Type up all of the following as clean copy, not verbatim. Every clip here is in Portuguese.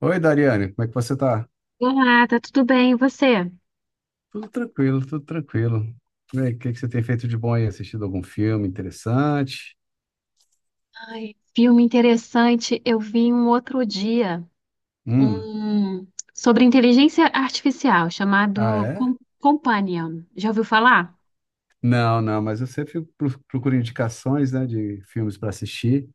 Oi, Dariane, como é que você tá? Olá, tá tudo bem? E você? Tudo tranquilo, tudo tranquilo. E aí, o que que você tem feito de bom aí? Assistido algum filme interessante? Ai, filme interessante. Eu vi um outro dia Hum, um sobre inteligência artificial ah, chamado é? Companion. Já ouviu falar? Não, não, mas eu sempre procuro indicações, né, de filmes para assistir.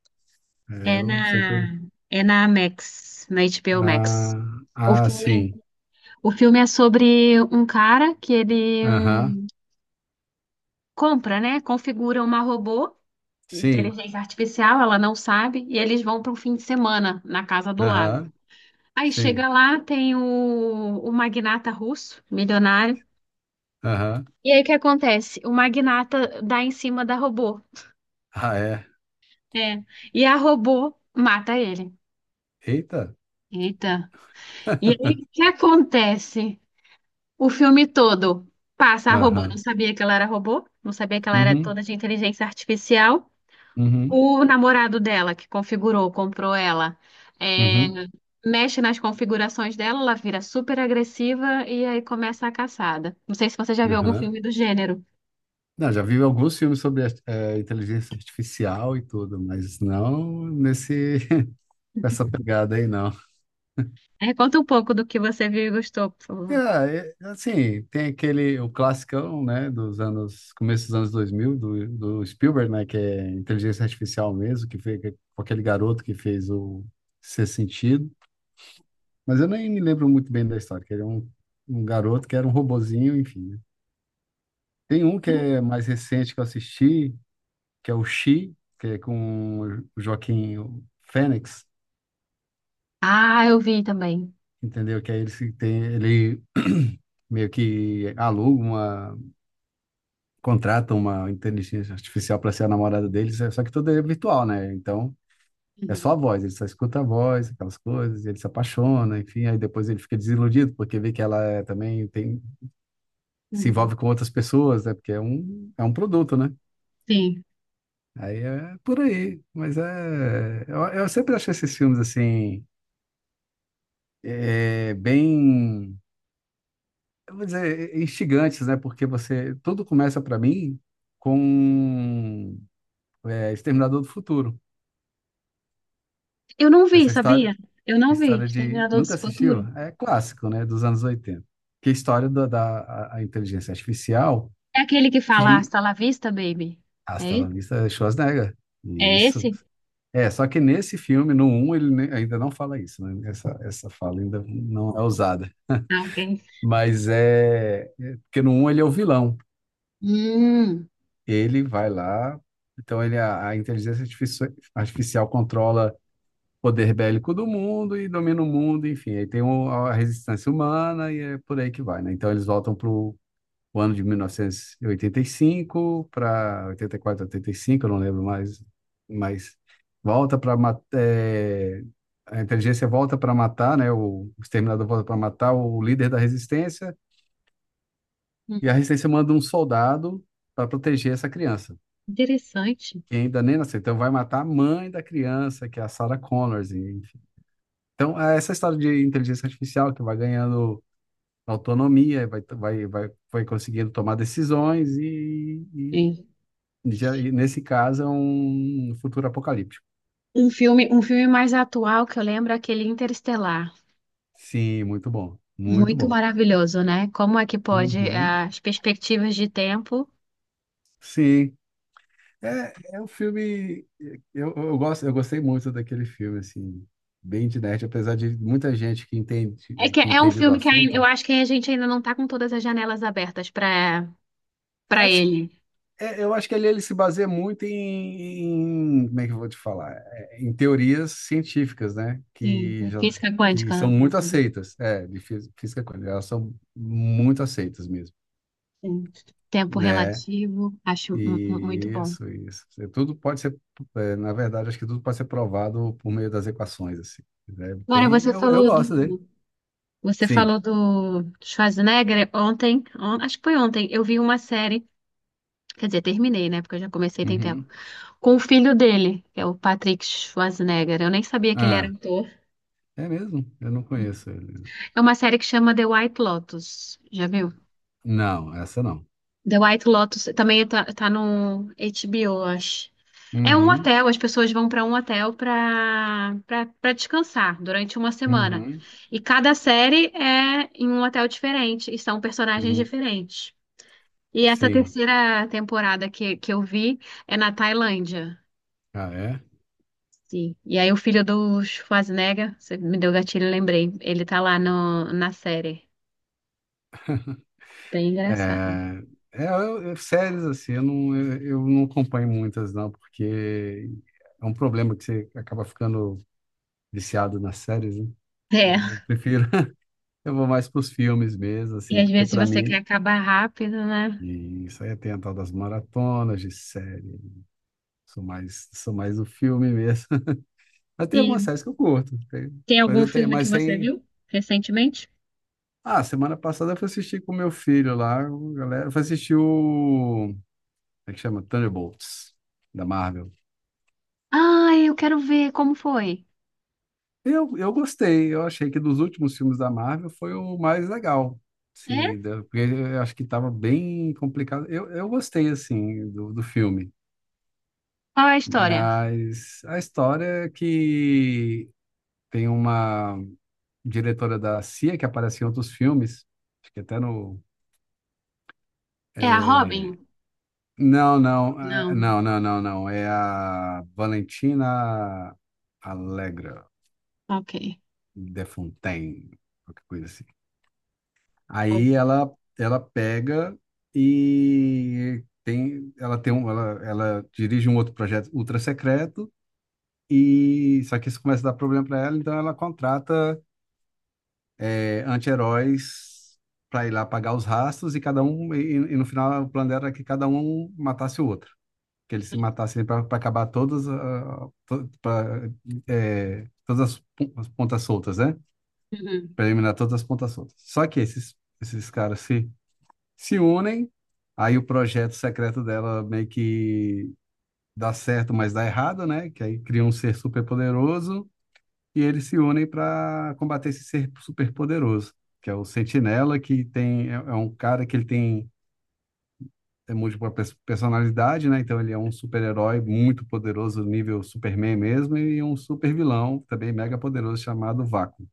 É, É eu sempre. na é na Max, na HBO Max. Ah, O ah, filme, sim. o filme é sobre um cara que ele Aham, hum, compra, né? Configura uma robô, sim. inteligência artificial, ela não sabe, e eles vão para um fim de semana na casa do lago. Aham, Aí sim. chega lá, tem o magnata russo, milionário. Aham. E aí o que acontece? O magnata dá em cima da robô. Ah, é. É. E a robô mata ele. Eita. Eita. E aí o que acontece? O filme todo passa a robô. Não Aham. sabia que ela era robô, não sabia que ela era Uhum, toda de inteligência artificial. uhum, O namorado dela que configurou, comprou ela, é, uhum, mexe nas configurações dela, ela vira super agressiva e aí começa a caçada. Não sei se você já viu algum uhum. filme do gênero. Não, já vi alguns filmes sobre inteligência artificial e tudo, mas não nesse com essa pegada aí, não. É, conta um pouco do que você viu e gostou, por É, favor. Assim, tem aquele, o classicão, né, dos anos, começo dos anos 2000, do Spielberg, né, que é inteligência artificial mesmo, que foi com aquele garoto que fez o Ser Sentido, mas eu nem me lembro muito bem da história, que ele é um, um garoto que era um robozinho, enfim, né. Tem um que é mais recente que eu assisti, que é o She, que é com o Joaquim Fênix. Ah, eu vi também. Entendeu? Que aí ele, se tem, ele meio que contrata uma inteligência artificial para ser a namorada deles, só que tudo é virtual, né? Então é Uhum, só a voz, ele só escuta a voz, aquelas coisas, ele se apaixona, enfim, aí depois ele fica desiludido porque vê que ela é, também tem, se uhum. envolve com outras pessoas, né? Porque é um produto, né? Sim. Aí é por aí, mas é, eu sempre achei esses filmes assim, é, bem, eu vou dizer, é instigantes, né? Porque você, tudo começa para mim com Exterminador do Futuro. Eu não vi, Essa história, sabia? Eu não vi. história de, Exterminador do nunca Futuro. assistiu? É clássico, né? Dos anos oitenta. Que é a história a inteligência artificial É aquele que fala que Hasta la vista, baby. É, hasta la vista Schwarzenegger. é Isso. esse? É, só que nesse filme, no um ele ainda não fala isso, né? Essa fala ainda não é usada. Ah, ok. É porque no um ele é o vilão. Hum, Ele vai lá, então ele a artificial controla o poder bélico do mundo e domina o mundo, enfim, aí tem a resistência humana e é por aí que vai, né? Então eles voltam para o ano de mil novecentos e oitenta e cinco, para 84, 85, eu não lembro mais, mas volta para a inteligência, volta para matar, né? O exterminador volta para matar o líder da resistência, e a hum, resistência manda um soldado para proteger essa criança, interessante. que ainda nem nasceu. Então vai matar a mãe da criança, que é a Sarah Connors, enfim. Então, é essa história de inteligência artificial que vai ganhando autonomia, vai conseguindo tomar decisões É. e e nesse caso, é um futuro apocalíptico. Um filme mais atual que eu lembro é aquele Interestelar. Sim, muito bom, muito Muito bom. maravilhoso, né? Como é que pode Uhum. as perspectivas de tempo? Sim, é, é um filme, eu gosto, eu gostei muito daquele filme, assim, bem de nerd, apesar de muita gente É que que é um entende do filme que eu assunto, acho que a gente ainda não tá com todas as janelas abertas eu para acho. ele. É, eu acho que ali ele se baseia muito em, como é que eu vou te falar? É, em teorias científicas, né? Sim, Que é já, física que quântica, são né? Uma muito coisa aceitas, é, de física quântica, elas são muito aceitas mesmo, assim. Tempo né? relativo, acho muito E bom. Isso. É, tudo pode ser, é, na verdade, acho que tudo pode ser provado por meio das equações, assim. É Agora bem, eu gosto dele. você Sim. falou do Schwarzenegger ontem, acho que foi ontem, eu vi uma série, quer dizer, terminei, né? Porque eu já comecei tem tempo, Uhum. com o filho dele, que é o Patrick Schwarzenegger. Eu nem sabia que ele era Ah, ator. é mesmo? Eu não conheço ele. É uma série que chama The White Lotus. Já viu? Não, essa não. The White Lotus também tá no HBO, eu acho. É um Uhum, hotel, as pessoas vão para um hotel para descansar durante uma semana. uhum, E cada série é em um hotel diferente e são personagens uhum. diferentes. E essa Sim. terceira temporada que eu vi é na Tailândia. Ah, é? Sim. E aí o filho do Schwarzenegger, você me deu gatilho, lembrei. Ele tá lá no, na série. Bem engraçado. É, séries assim, eu não acompanho muitas não, porque é um problema que você acaba ficando viciado nas séries, né? Então É. eu prefiro, eu vou mais para os filmes mesmo, E assim, às porque vezes para você quer mim, acabar rápido, né? e isso aí tem a tal das maratonas de série, sou mais do filme mesmo. Mas tem algumas E séries que eu curto, tem algum filme que mas você tem... viu recentemente? Ah, semana passada eu fui assistir com meu filho lá, o galera, eu fui assistir o, como é que chama? Thunderbolts, da Marvel. Ai, eu quero ver como foi. Eu gostei, eu achei que dos últimos filmes da Marvel foi o mais legal, sim, É? Porque eu acho que estava bem complicado. Eu gostei, assim, do filme, Qual é a história? mas a história é que tem uma diretora da CIA que aparece em outros filmes, acho que até no... É a Robin? Não. Não, é a Valentina Allegra Ok. de Fontaine, qualquer coisa assim. Aí ela ela pega e tem ela dirige um outro projeto ultra secreto, e só que isso começa a dar problema para ela, então ela contrata, é, anti-heróis para ir lá pagar os rastros e cada um e no final o plano dela era que cada um matasse o outro, que eles se matassem para acabar todas, pra, é, todas as as pontas soltas, né? Uhum. Para eliminar todas as pontas soltas. Só que esses caras se unem, aí o projeto secreto dela meio que dá certo, mas dá errado, né? Que aí cria um ser superpoderoso e eles se unem para combater esse ser superpoderoso, que é o Sentinela, que tem, é um cara que ele tem é múltipla personalidade, né? Então ele é um super-herói muito poderoso, nível Superman mesmo, e um super-vilão também mega poderoso chamado Vácuo.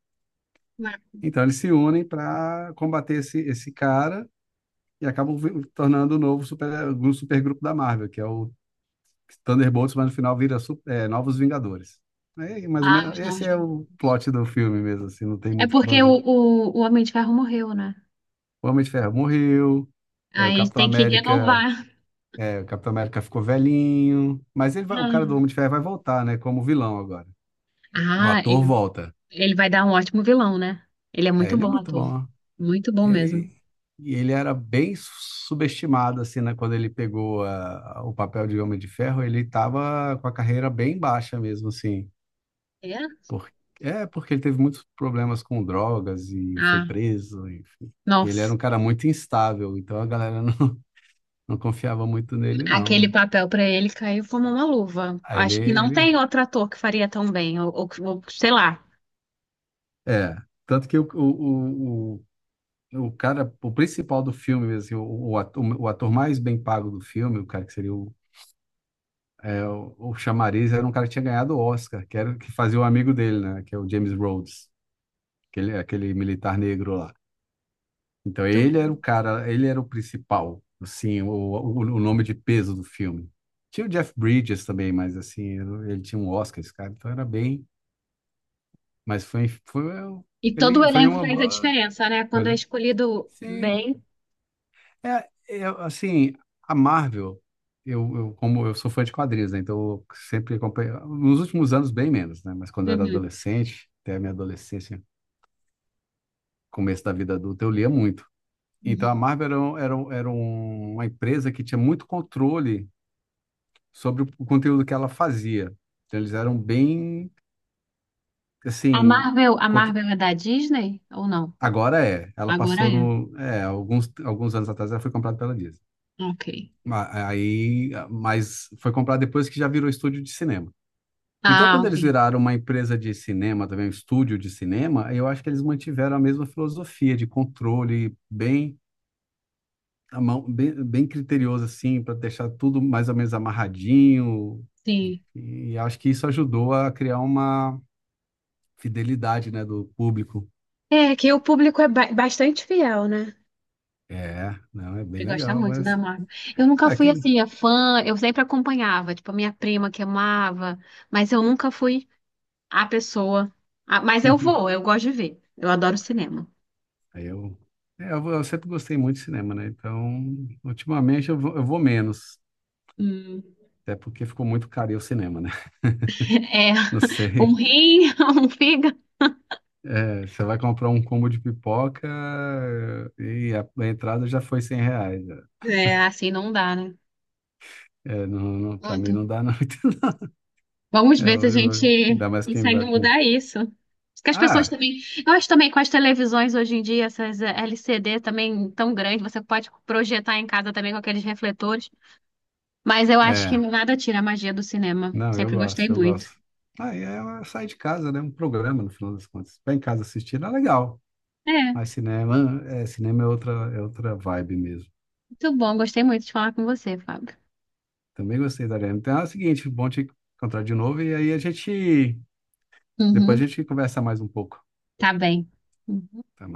Então eles se unem para combater esse cara e acabam tornando o novo super, um supergrupo da Marvel, que é o Thunderbolts, mas no final vira é, Novos Vingadores. Aí, mais ou Ah, menos, os esse novos. é o plot do filme mesmo, assim, não tem É muito o que porque fazer. O Homem de Ferro morreu, né? O Homem de Ferro morreu, é, o Aí Capitão tem que América, renovar. é, o Capitão América ficou velhinho, mas ele vai- o cara do Homem Ah, de Ferro vai voltar, né, como vilão agora. O ah, ator ele. volta. Ele vai dar um ótimo vilão, né? Ele é É, muito ele é bom muito ator. bom. Muito bom E mesmo. aí, e ele era bem subestimado, assim, né? Quando ele pegou o papel de Homem de Ferro, ele estava com a carreira bem baixa mesmo, assim. É? Por, é, porque ele teve muitos problemas com drogas e foi Ah, preso, enfim. Ele era nossa. um cara muito instável, então a galera não, não confiava muito nele, Aquele não. papel pra ele caiu como uma luva. Aí Acho que não ele... tem outro ator que faria tão bem, ou sei lá. É, tanto que o cara, o principal do filme, assim, o ator mais bem pago do filme, o cara que seria o, é, o chamariz era um cara que tinha ganhado o Oscar, que era o que fazia o amigo dele, né? Que é o James Rhodes, aquele militar negro lá. Então Muito ele bom. era o cara, ele era o principal, assim, o nome de peso do filme. Tinha o Jeff Bridges também, mas assim, ele tinha um Oscar, esse cara, então era bem. Foi, E todo o ele, foi elenco uma faz a boa. diferença, né? Quando é Olha, escolhido sim, bem. é, eu, assim, a Marvel, eu, como eu sou fã de quadrinhos, né? Então eu sempre acompanhei, nos últimos anos bem menos, né? Mas quando eu era Uhum, adolescente, até a minha adolescência, começo da vida adulta, eu lia muito. Então a uhum. Marvel era, uma empresa que tinha muito controle sobre o conteúdo que ela fazia. Então eles eram bem, assim, A contro- Marvel é da Disney ou não? agora é, ela Agora passou é. no, é, alguns anos atrás ela foi comprada pela Disney. Ok. Mas foi comprada depois que já virou estúdio de cinema. Então, Ah, quando eles ok. viraram uma empresa de cinema, também um estúdio de cinema, eu acho que eles mantiveram a mesma filosofia de controle bem à mão, bem criterioso assim, para deixar tudo mais ou menos amarradinho. Sim. E acho que isso ajudou a criar uma fidelidade, né, do público. É que o público é bastante fiel, né? É, não, é bem Você gosta legal, muito da mas Marvel. Eu nunca é fui quem assim, a fã, eu sempre acompanhava, tipo, a minha prima que amava, mas eu nunca fui a pessoa. Ah, mas eu vou, eu gosto de ver. Eu adoro cinema. Aí eu, é, eu sempre gostei muito de cinema, né? Então, ultimamente eu vou menos, Hum, até porque ficou muito caro ir ao cinema, né? É, Não um sei. rim, um fígado. É, você vai comprar um combo de pipoca e a entrada já foi 100 reais. Já. É, assim não dá, né? É, não, não, pra mim Pronto. não dá não. Vamos É, ver se a hoje eu vou- gente ainda mais quem consegue vai com... mudar isso. Porque as pessoas Ah, também. Eu acho também com as televisões hoje em dia, essas LCD também tão grandes, você pode projetar em casa também com aqueles refletores. Mas eu acho que é. nada tira a magia do cinema. Não, eu Sempre gostei gosto, eu gosto. muito. Aí é uma- sai de casa, né? Um programa, no final das contas. Ficar em casa assistindo é legal. É, Mas cinema é outra vibe mesmo. muito bom. Gostei muito de falar com você, Fábio. Também gostei da Ariana. Então é o seguinte, bom te encontrar de novo e aí a gente... Depois Uhum, a gente conversa mais um pouco. tá bem. Tá.